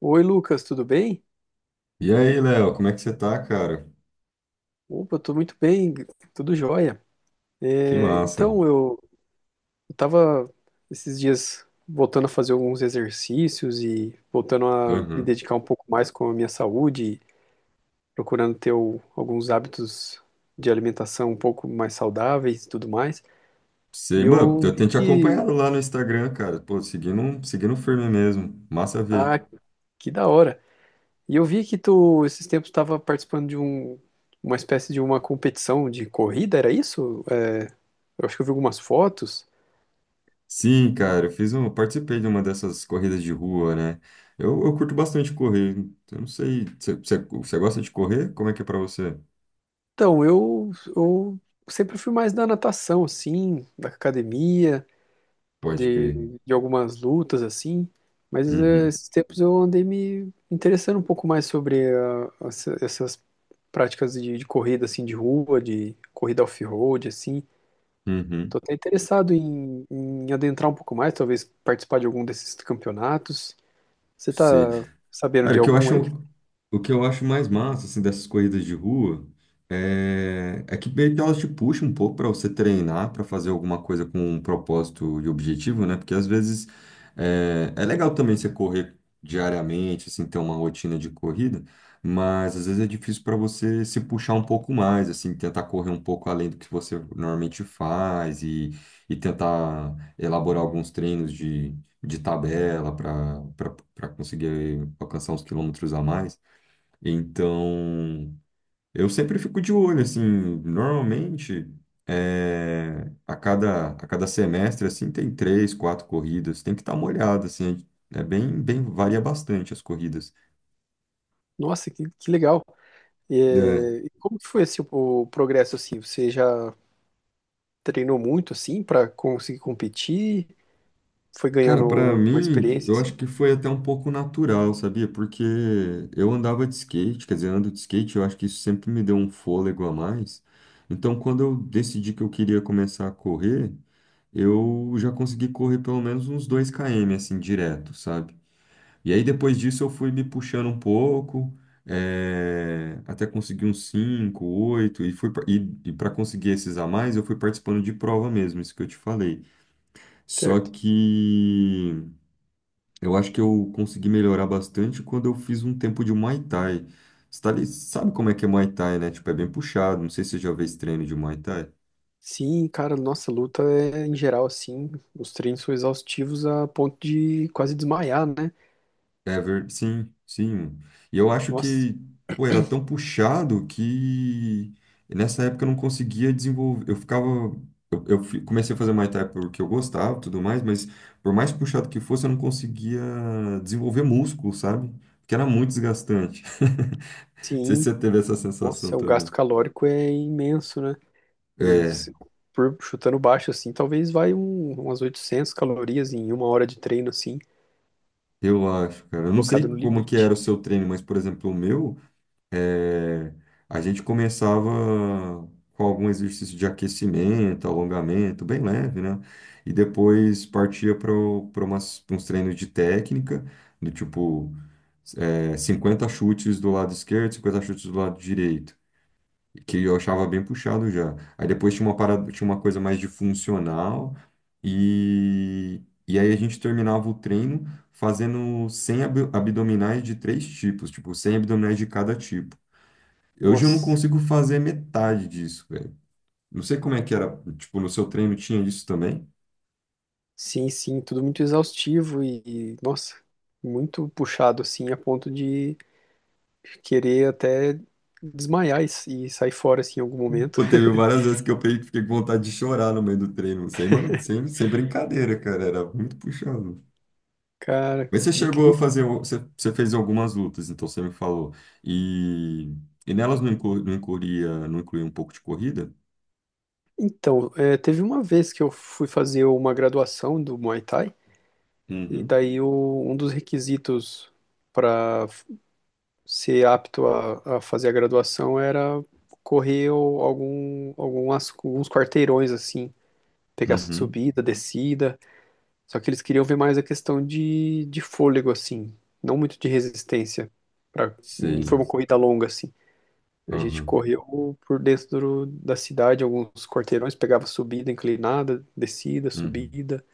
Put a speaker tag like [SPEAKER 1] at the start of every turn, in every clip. [SPEAKER 1] Oi, Lucas, tudo bem?
[SPEAKER 2] E aí, Léo, como é que você tá, cara?
[SPEAKER 1] Opa, eu tô muito bem, tudo jóia.
[SPEAKER 2] Que
[SPEAKER 1] É,
[SPEAKER 2] massa.
[SPEAKER 1] então, eu eu tava esses dias voltando a fazer alguns exercícios e voltando a me
[SPEAKER 2] Aham.
[SPEAKER 1] dedicar um pouco mais com a minha saúde, procurando ter alguns hábitos de alimentação um pouco mais saudáveis e tudo mais. E
[SPEAKER 2] Sei, mano,
[SPEAKER 1] eu
[SPEAKER 2] eu
[SPEAKER 1] vi
[SPEAKER 2] tenho te
[SPEAKER 1] que...
[SPEAKER 2] acompanhado lá no Instagram, cara. Pô, seguindo, seguindo firme mesmo. Massa ver.
[SPEAKER 1] Ah, que da hora! E eu vi que tu, esses tempos, estava participando de uma espécie de uma competição de corrida, era isso? É, Eu acho que eu vi algumas fotos.
[SPEAKER 2] Sim, cara, eu participei de uma dessas corridas de rua, né? Eu curto bastante correr. Eu não sei, você gosta de correr? Como é que é pra você?
[SPEAKER 1] Então, eu sempre fui mais da natação, assim, da academia,
[SPEAKER 2] Pode
[SPEAKER 1] de,
[SPEAKER 2] crer.
[SPEAKER 1] de algumas lutas, assim, mas
[SPEAKER 2] Uhum,
[SPEAKER 1] esses tempos eu andei me interessando um pouco mais sobre essas práticas de corrida, assim, de rua, de corrida off-road, assim. Tô
[SPEAKER 2] uhum.
[SPEAKER 1] até interessado em adentrar um pouco mais, talvez participar de algum desses campeonatos. Você tá
[SPEAKER 2] Sei.
[SPEAKER 1] sabendo
[SPEAKER 2] Cara,
[SPEAKER 1] de
[SPEAKER 2] o que eu
[SPEAKER 1] algum aí?
[SPEAKER 2] acho, o que eu acho mais massa, assim, dessas corridas de rua é que meio que elas te puxam um pouco para você treinar, para fazer alguma coisa com um propósito e objetivo, né? Porque às vezes é legal também você correr diariamente, assim, ter uma rotina de corrida, mas às vezes é difícil para você se puxar um pouco mais, assim, tentar correr um pouco além do que você normalmente faz e tentar elaborar alguns treinos de tabela para conseguir alcançar uns quilômetros a mais. Então, eu sempre fico de olho, assim, normalmente é, a cada semestre, assim, tem três, quatro corridas, tem que estar molhado, assim, é bem, bem, varia bastante as corridas.
[SPEAKER 1] Nossa, que legal!
[SPEAKER 2] É,
[SPEAKER 1] E como que foi assim, o progresso assim? Você já treinou muito assim pra conseguir competir? Foi
[SPEAKER 2] cara, pra
[SPEAKER 1] ganhando uma
[SPEAKER 2] mim,
[SPEAKER 1] experiência
[SPEAKER 2] eu
[SPEAKER 1] assim,
[SPEAKER 2] acho que foi até um pouco natural, sabia? Porque eu andava de skate, quer dizer, ando de skate, eu acho que isso sempre me deu um fôlego a mais. Então, quando eu decidi que eu queria começar a correr, eu já consegui correr pelo menos uns 2 km, assim, direto, sabe? E aí, depois disso, eu fui me puxando um pouco, até conseguir uns 5 8 e para conseguir esses a mais, eu fui participando de prova mesmo, isso que eu te falei. Só
[SPEAKER 1] certo?
[SPEAKER 2] que. Eu acho que eu consegui melhorar bastante quando eu fiz um tempo de Muay Thai. Sabe como é que é Muay Thai, né? Tipo, é bem puxado. Não sei se você já fez treino de Muay Thai.
[SPEAKER 1] Sim, cara, nossa luta é em geral assim, os treinos são exaustivos a ponto de quase desmaiar, né?
[SPEAKER 2] Sim, sim. E eu acho
[SPEAKER 1] Nossa,
[SPEAKER 2] que, pô, era tão puxado que nessa época eu não conseguia desenvolver. Eu ficava. Comecei a fazer Muay Thai porque eu gostava e tudo mais, mas por mais puxado que fosse, eu não conseguia desenvolver músculo, sabe? Porque era muito desgastante. Não sei se
[SPEAKER 1] sim,
[SPEAKER 2] você teve essa sensação
[SPEAKER 1] nossa, o
[SPEAKER 2] também.
[SPEAKER 1] gasto calórico é imenso, né? Eh,
[SPEAKER 2] É,
[SPEAKER 1] Se- Por Chutando baixo assim, talvez vai umas 800 calorias em uma hora de treino assim,
[SPEAKER 2] eu acho, cara. Eu não
[SPEAKER 1] colocado
[SPEAKER 2] sei
[SPEAKER 1] no
[SPEAKER 2] como que era
[SPEAKER 1] limite.
[SPEAKER 2] o seu treino, mas, por exemplo, o meu, eh, a gente começava com algum exercício de aquecimento, alongamento, bem leve, né? E depois partia para umas uns treinos de técnica, do tipo, 50 chutes do lado esquerdo, 50 chutes do lado direito que eu achava bem puxado já. Aí depois tinha uma parada, tinha uma coisa mais de funcional e e aí a gente terminava o treino fazendo 100 abdominais de três tipos, tipo 100 abdominais de cada tipo. Hoje eu não
[SPEAKER 1] Nossa,
[SPEAKER 2] consigo fazer metade disso, velho. Não sei como é que era, tipo, no seu treino tinha isso também?
[SPEAKER 1] sim, sim, tudo muito exaustivo e nossa, muito puxado assim a ponto de querer até desmaiar e sair fora assim em algum momento.
[SPEAKER 2] Pô, teve várias vezes que fiquei com vontade de chorar no meio do treino, sem, ma- sem, sem brincadeira, cara, era muito puxado.
[SPEAKER 1] Cara,
[SPEAKER 2] Mas você chegou a
[SPEAKER 1] incrível.
[SPEAKER 2] fazer, você fez algumas lutas, então você me falou. E, e nelas não, inclu, não incluía, não incluía um pouco de corrida?
[SPEAKER 1] Então, é, teve uma vez que eu fui fazer uma graduação do Muay Thai e
[SPEAKER 2] Uhum.
[SPEAKER 1] daí um dos requisitos para ser apto a fazer a graduação era correr alguns quarteirões assim, pegar
[SPEAKER 2] Uhum,
[SPEAKER 1] subida, descida. Só que eles queriam ver mais a questão de fôlego assim, não muito de resistência. Não foi
[SPEAKER 2] sei.
[SPEAKER 1] uma corrida longa assim. A gente
[SPEAKER 2] Aham,
[SPEAKER 1] correu por dentro da cidade, alguns quarteirões, pegava subida inclinada, descida,
[SPEAKER 2] uhum,
[SPEAKER 1] subida.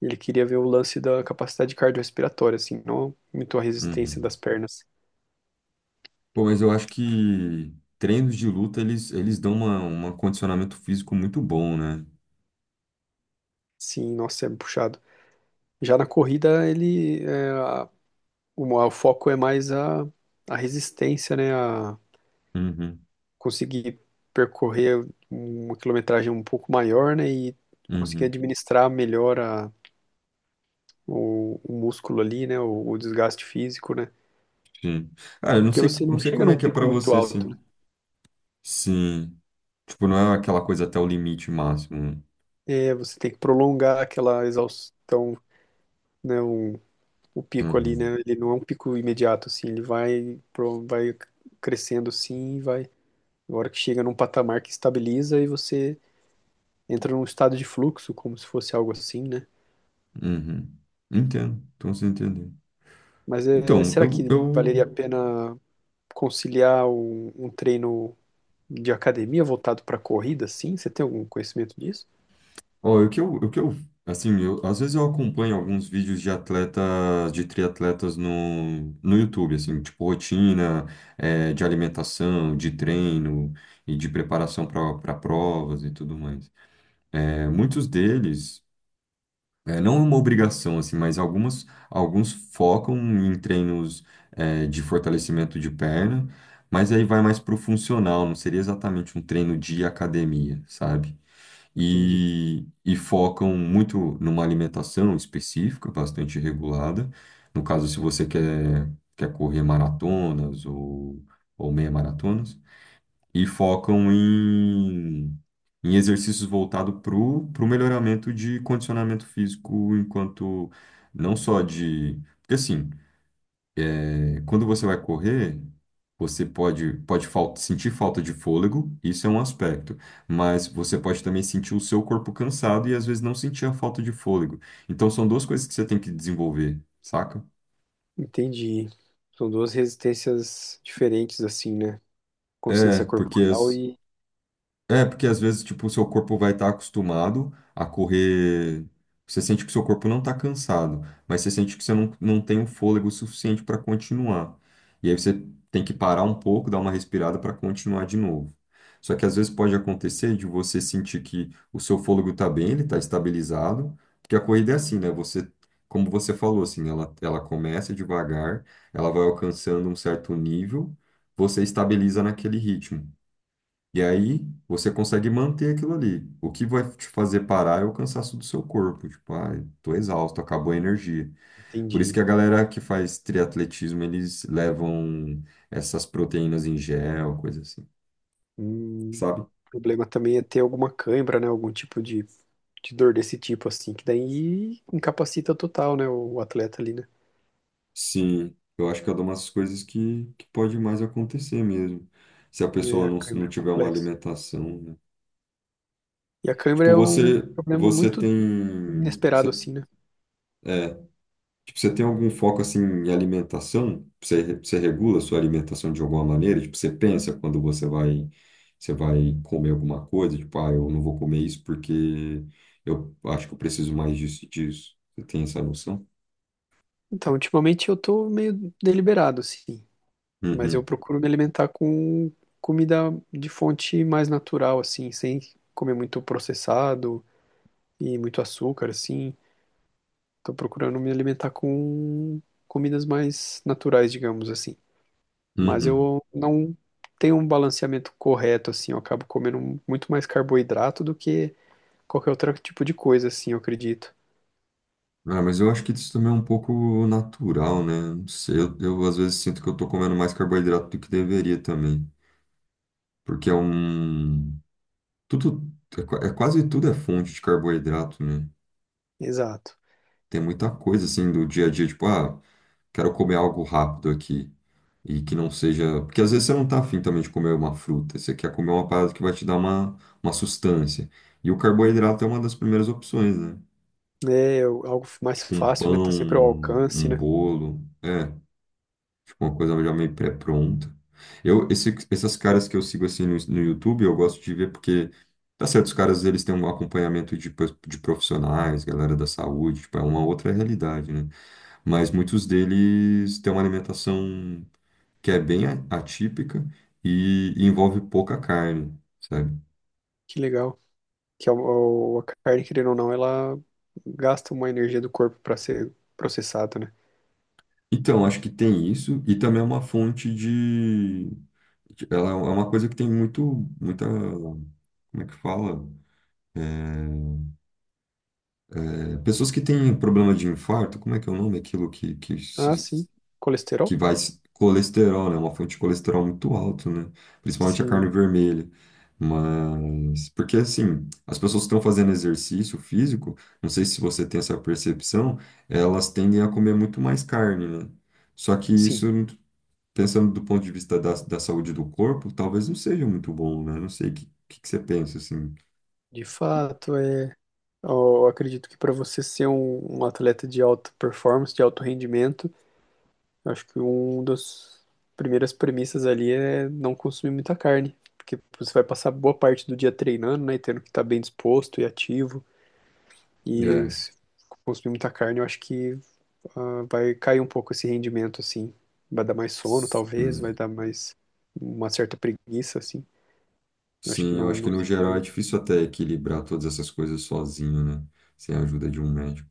[SPEAKER 1] Ele queria ver o lance da capacidade cardiorrespiratória, assim, não muito a resistência
[SPEAKER 2] uhum.
[SPEAKER 1] das pernas.
[SPEAKER 2] Pô, mas eu acho que treinos de luta, eles dão uma, um condicionamento físico muito bom, né?
[SPEAKER 1] Sim, nossa, é puxado. Já na corrida, ele, é, a- o foco é mais a resistência, né? A
[SPEAKER 2] Uhum,
[SPEAKER 1] conseguir percorrer uma quilometragem um pouco maior, né? E conseguir
[SPEAKER 2] uhum,
[SPEAKER 1] administrar melhor o músculo ali, né? O desgaste físico, né?
[SPEAKER 2] sim. Ah, eu não
[SPEAKER 1] Porque
[SPEAKER 2] sei,
[SPEAKER 1] você
[SPEAKER 2] não
[SPEAKER 1] não
[SPEAKER 2] sei
[SPEAKER 1] chega
[SPEAKER 2] como é
[SPEAKER 1] num
[SPEAKER 2] que é
[SPEAKER 1] pico
[SPEAKER 2] pra
[SPEAKER 1] muito
[SPEAKER 2] você,
[SPEAKER 1] alto,
[SPEAKER 2] assim.
[SPEAKER 1] né?
[SPEAKER 2] Sim. Tipo, não é aquela coisa até o limite máximo, né?
[SPEAKER 1] É, você tem que prolongar aquela exaustão, né? O pico ali,
[SPEAKER 2] Uhum,
[SPEAKER 1] né? Ele não é um pico imediato, assim. Ele vai crescendo, assim, e vai. Na hora que chega num patamar que estabiliza e você entra num estado de fluxo, como se fosse algo assim, né?
[SPEAKER 2] uhum. Entendo, então você entendeu.
[SPEAKER 1] Mas é,
[SPEAKER 2] Então,
[SPEAKER 1] será que valeria a pena conciliar um treino de academia voltado para corrida, assim? Você tem algum conhecimento disso?
[SPEAKER 2] ó, assim, eu, às vezes eu acompanho alguns vídeos de atletas, de triatletas no YouTube, assim, tipo rotina, de alimentação, de treino e de preparação para provas e tudo mais. Muitos deles, não é uma obrigação, assim, mas algumas, alguns focam em treinos, de fortalecimento de perna, mas aí vai mais para o funcional, não seria exatamente um treino de academia, sabe?
[SPEAKER 1] Entendi.
[SPEAKER 2] E, e focam muito numa alimentação específica, bastante regulada. No caso, se você quer, quer correr maratonas ou meia maratonas, e focam em, em exercícios voltados para o melhoramento de condicionamento físico, enquanto não só de. Porque assim. É, quando você vai correr, você sentir falta de fôlego, isso é um aspecto, mas você pode também sentir o seu corpo cansado e às vezes não sentir a falta de fôlego. Então são duas coisas que você tem que desenvolver, saca?
[SPEAKER 1] Entendi. São duas resistências diferentes, assim, né?
[SPEAKER 2] É,
[SPEAKER 1] Consciência
[SPEAKER 2] porque
[SPEAKER 1] corporal
[SPEAKER 2] as-
[SPEAKER 1] e.
[SPEAKER 2] É, porque às vezes, tipo, o seu corpo vai estar acostumado a correr. Você sente que o seu corpo não está cansado, mas você sente que você não tem o fôlego suficiente para continuar. E aí você tem que parar um pouco, dar uma respirada para continuar de novo. Só que às vezes pode acontecer de você sentir que o seu fôlego está bem, ele está estabilizado, porque a corrida é assim, né? Você, como você falou, assim, ela começa devagar, ela vai alcançando um certo nível, você estabiliza naquele ritmo. E aí você consegue manter aquilo ali. O que vai te fazer parar é o cansaço do seu corpo. Tipo, ai, tô exausto, acabou a energia. Por isso
[SPEAKER 1] Entendi.
[SPEAKER 2] que a galera que faz triatletismo, eles levam essas proteínas em gel, coisa assim,
[SPEAKER 1] Hum,
[SPEAKER 2] sabe?
[SPEAKER 1] o problema também é ter alguma cãibra, né? Algum tipo de dor desse tipo, assim, que daí incapacita total, né? O atleta ali, né?
[SPEAKER 2] Sim, eu acho que é uma das coisas que pode mais acontecer mesmo. Se a
[SPEAKER 1] É,
[SPEAKER 2] pessoa
[SPEAKER 1] a
[SPEAKER 2] não
[SPEAKER 1] cãibra é
[SPEAKER 2] tiver uma
[SPEAKER 1] complexa.
[SPEAKER 2] alimentação, né?
[SPEAKER 1] E a cãibra
[SPEAKER 2] Tipo,
[SPEAKER 1] é um
[SPEAKER 2] você,
[SPEAKER 1] problema
[SPEAKER 2] você
[SPEAKER 1] muito
[SPEAKER 2] tem. Você,
[SPEAKER 1] inesperado, assim, né?
[SPEAKER 2] é, tipo, você tem algum foco assim em alimentação? Você regula a sua alimentação de alguma maneira? Tipo, você pensa quando você vai comer alguma coisa? Tipo, ah, eu não vou comer isso porque eu acho que eu preciso mais disso e disso. Você tem essa noção?
[SPEAKER 1] Então, ultimamente eu tô meio deliberado, assim. Mas eu
[SPEAKER 2] Uhum,
[SPEAKER 1] procuro me alimentar com comida de fonte mais natural, assim, sem comer muito processado e muito açúcar, assim. Tô procurando me alimentar com comidas mais naturais, digamos assim. Mas
[SPEAKER 2] uhum.
[SPEAKER 1] eu não tenho um balanceamento correto, assim. Eu acabo comendo muito mais carboidrato do que qualquer outro tipo de coisa, assim, eu acredito.
[SPEAKER 2] Ah, mas eu acho que isso também é um pouco natural, né? Não sei, eu às vezes sinto que eu tô comendo mais carboidrato do que deveria também. Porque é um... Tudo... É, é quase tudo é fonte de carboidrato, né?
[SPEAKER 1] Exato.
[SPEAKER 2] Tem muita coisa assim do dia a dia, tipo, ah, quero comer algo rápido aqui. E que não seja. Porque às vezes você não tá afim também de comer uma fruta, você quer comer uma parada que vai te dar uma sustância. E o carboidrato é uma das primeiras opções, né?
[SPEAKER 1] Algo mais
[SPEAKER 2] Tipo um
[SPEAKER 1] fácil, né?
[SPEAKER 2] pão,
[SPEAKER 1] Tá sempre ao alcance,
[SPEAKER 2] um
[SPEAKER 1] né?
[SPEAKER 2] bolo, é, tipo uma coisa já meio pré-pronta. Essas caras que eu sigo assim no YouTube, eu gosto de ver porque, tá certo, os caras eles têm um acompanhamento de profissionais, galera da saúde, tipo, é uma outra realidade, né? Mas muitos deles têm uma alimentação que é bem atípica e envolve pouca carne, sabe?
[SPEAKER 1] Que legal. Que a carne, querendo ou não, ela gasta uma energia do corpo para ser processada, né?
[SPEAKER 2] Então, acho que tem isso e também é uma fonte de... Ela é uma coisa que tem muito, muita... Como é que fala? É, pessoas que têm problema de infarto, como é que é o nome? Aquilo que
[SPEAKER 1] Ah,
[SPEAKER 2] se-
[SPEAKER 1] sim.
[SPEAKER 2] que
[SPEAKER 1] Colesterol?
[SPEAKER 2] vai se- Colesterol, né? Uma fonte de colesterol muito alto, né? Principalmente a carne
[SPEAKER 1] Sim,
[SPEAKER 2] vermelha. Mas porque assim, as pessoas que estão fazendo exercício físico, não sei se você tem essa percepção, elas tendem a comer muito mais carne, né? Só que isso,
[SPEAKER 1] sim.
[SPEAKER 2] pensando do ponto de vista da saúde do corpo, talvez não seja muito bom, né? Não sei o que você pensa, assim.
[SPEAKER 1] De fato, é. Eu acredito que para você ser um atleta de alta performance, de alto rendimento, eu acho que uma das primeiras premissas ali é não consumir muita carne, porque você vai passar boa parte do dia treinando, né, e tendo que estar bem disposto e ativo, e
[SPEAKER 2] É.
[SPEAKER 1] se consumir muita carne, eu acho que vai cair um pouco esse rendimento, assim, vai dar mais sono, talvez, vai
[SPEAKER 2] Sim.
[SPEAKER 1] dar mais uma certa preguiça, assim, eu acho que
[SPEAKER 2] Sim, eu acho que
[SPEAKER 1] não
[SPEAKER 2] no geral é
[SPEAKER 1] seria
[SPEAKER 2] difícil até equilibrar todas essas coisas sozinho, né? Sem a ajuda de um médico.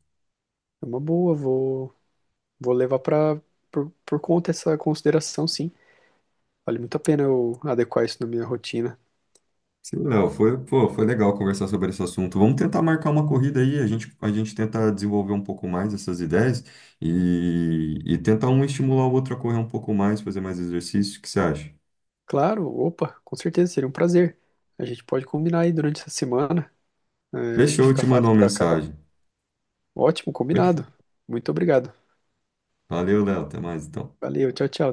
[SPEAKER 1] uma boa, vou levar para por conta essa consideração, sim. Vale muito a pena eu adequar isso na minha rotina.
[SPEAKER 2] Sim, Léo, foi, pô, foi legal conversar sobre esse assunto. Vamos tentar marcar uma corrida aí, a gente tenta desenvolver um pouco mais essas ideias e tentar um estimular o outro a correr um pouco mais, fazer mais exercício. O que você acha?
[SPEAKER 1] Claro, opa, com certeza seria um prazer. A gente pode combinar aí durante essa semana. É,
[SPEAKER 2] Fechou, eu
[SPEAKER 1] fica
[SPEAKER 2] te mando
[SPEAKER 1] fácil
[SPEAKER 2] uma
[SPEAKER 1] para cada um.
[SPEAKER 2] mensagem.
[SPEAKER 1] Ótimo,
[SPEAKER 2] Fechou.
[SPEAKER 1] combinado. Muito obrigado.
[SPEAKER 2] Valeu, Léo, até mais então.
[SPEAKER 1] Valeu, tchau, tchau. Até